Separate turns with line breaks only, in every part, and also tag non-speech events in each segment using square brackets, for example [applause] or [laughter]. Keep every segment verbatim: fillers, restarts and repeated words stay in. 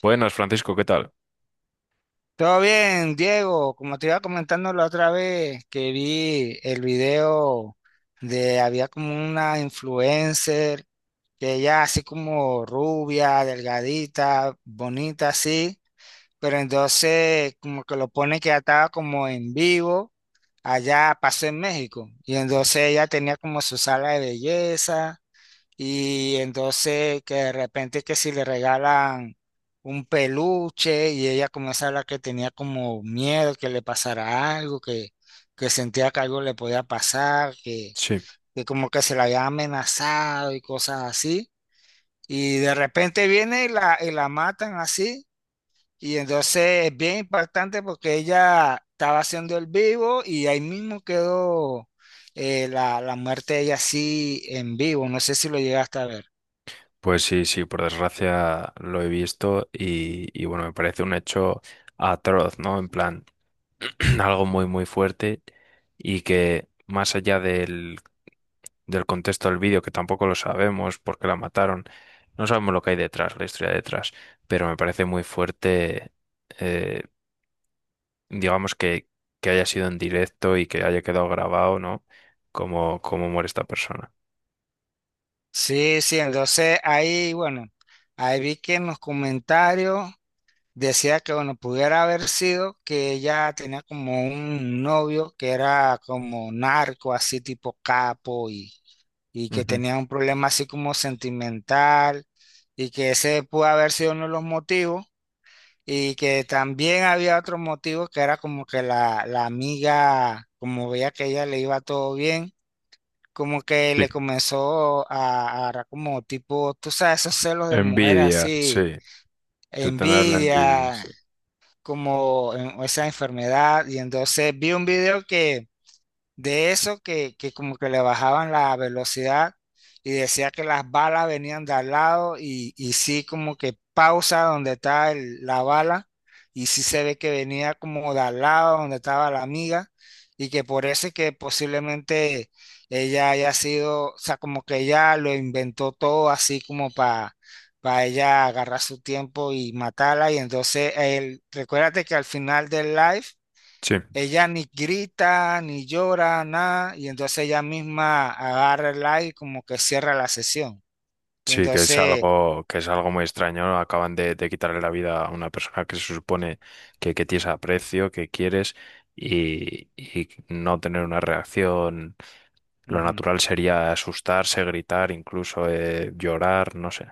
Buenas, Francisco, ¿qué tal?
Todo bien, Diego. Como te iba comentando la otra vez que vi el video de había como una influencer que ella así como rubia, delgadita, bonita así, pero entonces como que lo pone que ya estaba como en vivo allá pasó en México y entonces ella tenía como su sala de belleza. Y entonces que de repente que si le regalan un peluche y ella comienza a hablar que tenía como miedo que le pasara algo, que, que sentía que algo le podía pasar, que,
Sí,
que como que se la había amenazado y cosas así. Y de repente viene y la, y la matan así. Y entonces es bien impactante porque ella estaba haciendo el vivo y ahí mismo quedó eh, la, la muerte de ella así en vivo. No sé si lo llegaste a ver.
pues sí, sí, por desgracia lo he visto y, y bueno, me parece un hecho atroz, ¿no? En plan, [clears throat] algo muy, muy fuerte y que más allá del, del contexto del vídeo, que tampoco lo sabemos porque la mataron, no sabemos lo que hay detrás, la historia detrás, pero me parece muy fuerte, eh, digamos, que, que haya sido en directo y que haya quedado grabado, ¿no? Como, como muere esta persona.
Sí, sí, entonces ahí, bueno, ahí vi que en los comentarios decía que, bueno, pudiera haber sido que ella tenía como un novio que era como narco, así tipo capo, y, y, que
Ujú.
tenía un problema así como sentimental, y que ese pudo haber sido uno de los motivos, y que también había otro motivo que era como que la, la, amiga, como veía que ella le iba todo bien como que
Sí.
le comenzó a a agarrar como tipo, tú sabes, esos celos de mujer
Envidia, sí.
así,
De tener la envidia.
envidia,
Sí,
como en- esa enfermedad. Y entonces vi un video que de eso que, que, como que le bajaban la velocidad y decía que las balas venían de al lado y, y sí como que pausa donde está el- la bala y sí se ve que venía como de al lado donde estaba la amiga y que por eso es que posiblemente ella haya sido, o sea, como que ella lo inventó todo así como para... para ella agarrar su tiempo y matarla y entonces él, recuérdate que al final del live
sí,
ella ni grita, ni llora, nada, y entonces ella misma agarra el like como que cierra la sesión. Y
sí, que es
entonces,
algo, que es algo muy extraño, ¿no? Acaban de, de quitarle la vida a una persona que se supone que, que tienes aprecio, que quieres, y, y no tener una reacción. Lo
ujú.
natural sería asustarse, gritar, incluso eh, llorar, no sé.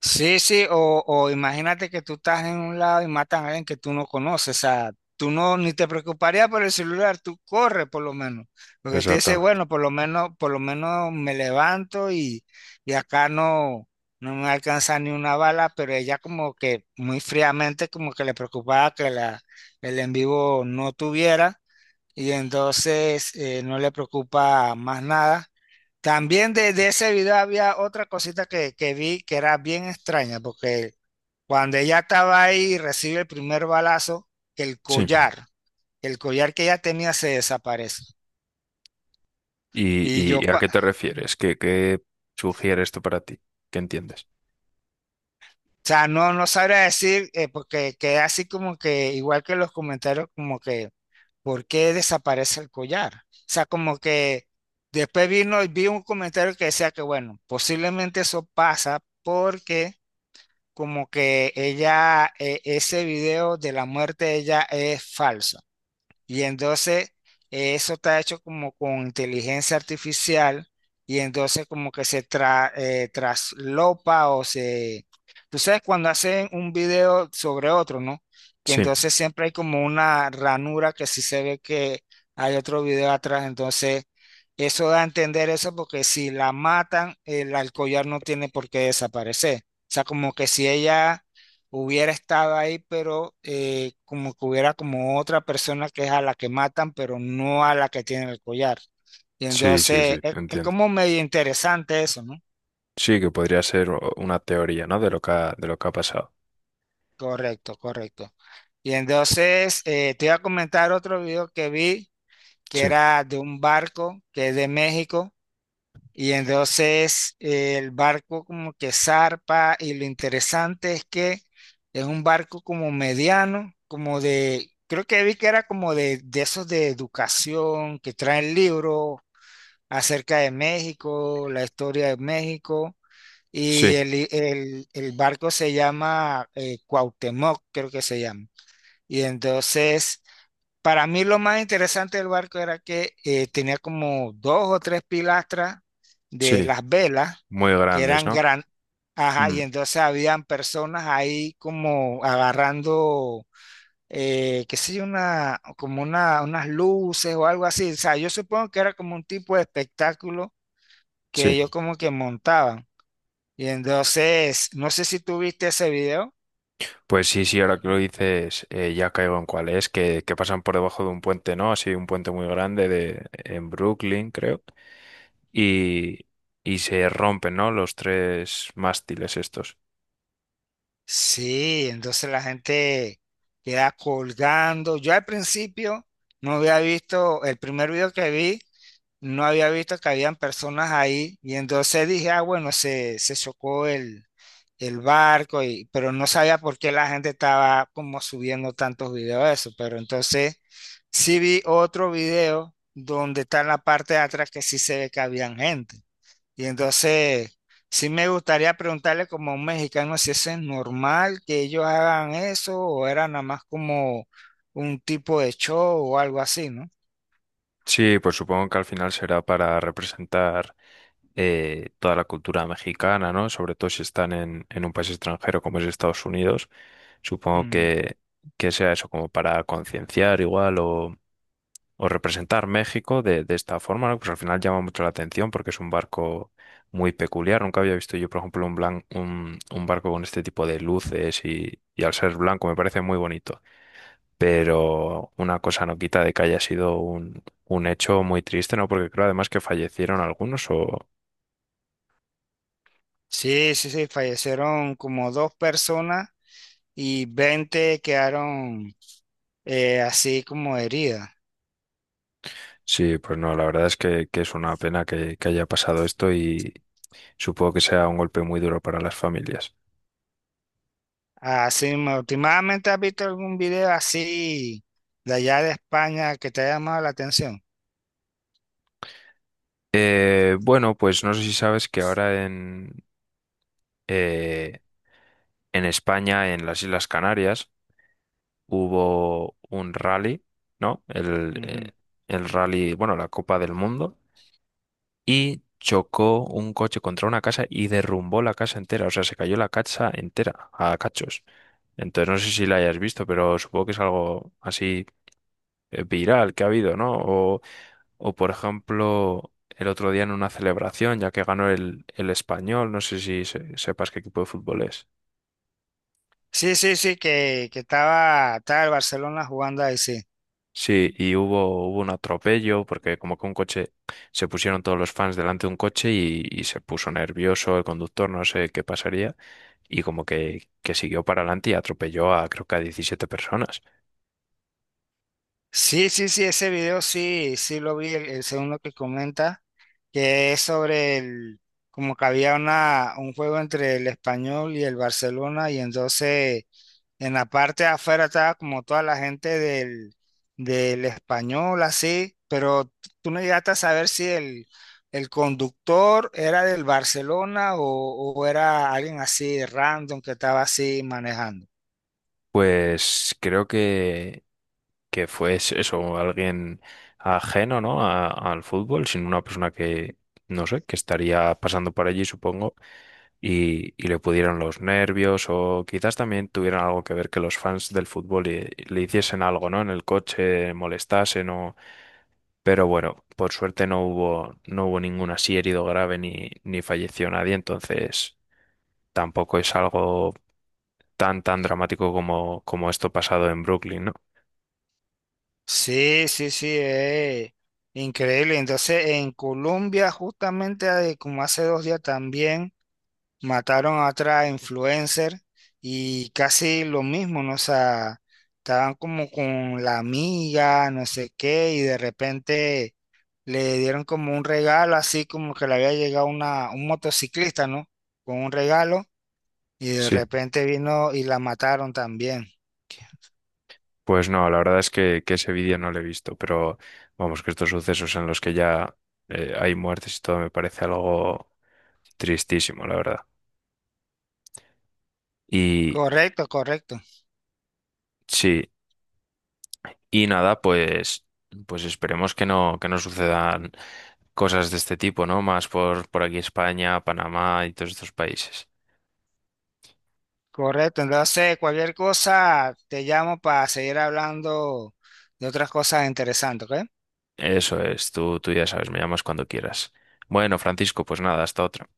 Sí, sí, o, o imagínate que tú estás en un lado y matan a alguien que tú no conoces, o sea, tú no ni te preocuparías por el celular, tú corres por lo menos, porque tú dices,
Exactamente.
bueno, por lo menos, por lo menos me levanto y, y, acá no, no me alcanza ni una bala, pero ella como que muy fríamente como que le preocupaba que la, el en vivo no tuviera y entonces eh, no le preocupa más nada. También de, de, ese video había otra cosita que, que vi que era bien extraña, porque cuando ella estaba ahí y recibe el primer balazo, que el
Sí.
collar, el collar que ella tenía se desaparece.
¿Y,
Y yo,
y- y a
cua-
qué te
o
refieres? ¿Qué, qué sugiere esto para ti? ¿Qué entiendes?
sea, no, no sabría decir, eh, porque queda así como que, igual que los comentarios, como que ¿por qué desaparece el collar? O sea, como que después vino y vi un comentario que decía que, bueno, posiblemente eso pasa porque como que ella, eh, ese video de la muerte de ella es falso. Y entonces eh, eso está hecho como con inteligencia artificial y entonces como que se tra- eh, traslopa o se... Tú sabes cuando hacen un video sobre otro, ¿no? Y
Sí,
entonces siempre hay como una ranura que si se ve que hay otro video atrás, entonces eso da a entender eso porque si la matan, el alcollar no tiene por qué desaparecer. O sea, como que si ella hubiera estado ahí, pero eh, como que hubiera como otra persona que es a la que matan, pero no a la que tiene el collar. Y
sí, sí,
entonces
sí,
es, es
entiendo.
como medio interesante eso, ¿no?
Sí, que podría ser o- una teoría, ¿no? De lo que ha- de lo que ha pasado.
Correcto, correcto. Y entonces eh, te iba a comentar otro video que vi que
Sí.
era de un barco que es de México. Y entonces eh, el barco como que zarpa y lo interesante es que es un barco como mediano, como de, creo que vi que era como de, de, esos de educación que traen libros acerca de México, la historia de México. Y
Sí,
el, i- el- el barco se llama eh, Cuauhtémoc, creo que se llama. Y entonces para mí lo más interesante del barco era que eh, tenía como dos o tres pilastras de
sí,
las velas
muy
que
grandes,
eran
¿no?
gran, ajá,
Mm,
y entonces habían personas ahí como agarrando, eh, qué sé yo, una, como una, unas luces o algo así. O sea, yo supongo que era como un tipo de espectáculo que
sí,
ellos como que montaban. Y entonces, no sé si tú viste ese video.
pues sí, sí, ahora que lo dices, eh, ya caigo en cuál es, que, que pasan por debajo de un puente, ¿no? Así, un puente muy grande de, en Brooklyn, creo, y, y se rompen, ¿no? Los tres mástiles estos.
Sí, entonces la gente queda colgando. Yo al principio no había visto, el primer video que vi, no había visto que habían personas ahí y entonces dije, ah, bueno, se, se chocó el, el, barco, y, pero no sabía por qué la gente estaba como subiendo tantos videos de eso, pero entonces sí vi otro video donde está en la parte de atrás que sí se ve que habían gente. Y entonces, sí me gustaría preguntarle como a un mexicano si eso es normal que ellos hagan eso o era nada más como un tipo de show o algo así, ¿no?
Sí, pues supongo que al final será para representar eh, toda la cultura mexicana, ¿no? Sobre todo si están en, en un país extranjero como es Estados Unidos. Supongo
Mm.
que, que sea eso como para concienciar igual o o representar México de, de esta forma, ¿no? Pues al final llama mucho la atención porque es un barco muy peculiar. Nunca había visto yo, por ejemplo, un, blan- un, un barco con este tipo de luces y, y al ser blanco me parece muy bonito. Pero una cosa no quita de que haya sido un, un hecho muy triste, ¿no? Porque creo además que fallecieron algunos o...
Sí, sí, sí, fallecieron como dos personas y veinte quedaron eh, así como heridas.
Sí, pues no, la verdad es que, que es una pena que, que haya pasado esto y supongo que sea un golpe muy duro para las familias.
Así, me- últimamente has visto algún video así de allá de España que te haya llamado la atención.
Eh, bueno, pues no sé si sabes que ahora eh, en España, en las Islas Canarias, hubo un rally, ¿no? El,
Ujú.
eh, el rally, bueno, la Copa del Mundo, y chocó un coche contra una casa y derrumbó la casa entera, o sea, se cayó la casa entera a cachos. Entonces, no sé si la hayas visto, pero supongo que es algo así eh, viral que ha habido, ¿no? O, o por ejemplo, el otro día en una celebración, ya que ganó el, el Español, no sé si se- sepas qué equipo de fútbol es.
Sí, sí, sí, que, que, estaba, estaba el Barcelona jugando ahí, sí.
Sí, y hubo, hubo un atropello porque como que un coche, se pusieron todos los fans delante de un coche y, y se puso nervioso el conductor, no sé qué pasaría, y como que, que siguió para adelante y atropelló a creo que a diecisiete personas.
Sí, sí, sí, ese video sí, sí lo vi, el, el segundo que comenta, que es sobre el, como que había una, un juego entre el Español y el Barcelona, y entonces en la parte de afuera estaba como toda la gente del, del, Español, así, pero tú no llegaste a saber si el, el conductor era del Barcelona o, o era alguien así random que estaba así manejando.
Pues creo que, que fue es- eso, alguien ajeno, ¿no? a- al fútbol, sino una persona que, no sé, que estaría pasando por allí, supongo, y, y le pudieron los nervios o quizás también tuvieran algo que ver que los fans del fútbol le, le hiciesen algo, ¿no? En el coche, molestasen o... Pero bueno, por suerte no hubo, no hubo ningún así herido grave ni, ni falleció nadie, entonces tampoco es algo tan, tan dramático como, como esto pasado en Brooklyn, ¿no?
Sí, sí, sí, eh, increíble. Entonces, en Colombia, justamente eh, como hace dos días también, mataron a otra influencer y casi lo mismo, ¿no? O sea, estaban como con la amiga, no sé qué, y de repente le dieron como un regalo, así como que le había llegado una, un motociclista, ¿no? Con un regalo, y de
Sí,
repente vino y la mataron también.
pues no, la verdad es que, que ese vídeo no lo he visto, pero vamos, que estos sucesos en los que ya eh, hay muertes y todo me parece algo tristísimo, la verdad. Y
Correcto, correcto.
sí, y nada, pues, pues esperemos que no, que no sucedan cosas de este tipo, ¿no? Más por, por aquí España, Panamá y todos estos países.
Correcto, entonces cualquier cosa te llamo para seguir hablando de otras cosas interesantes, ¿ok?
Eso es, tú, tú ya sabes, me llamas cuando quieras. Bueno, Francisco, pues nada, hasta otra.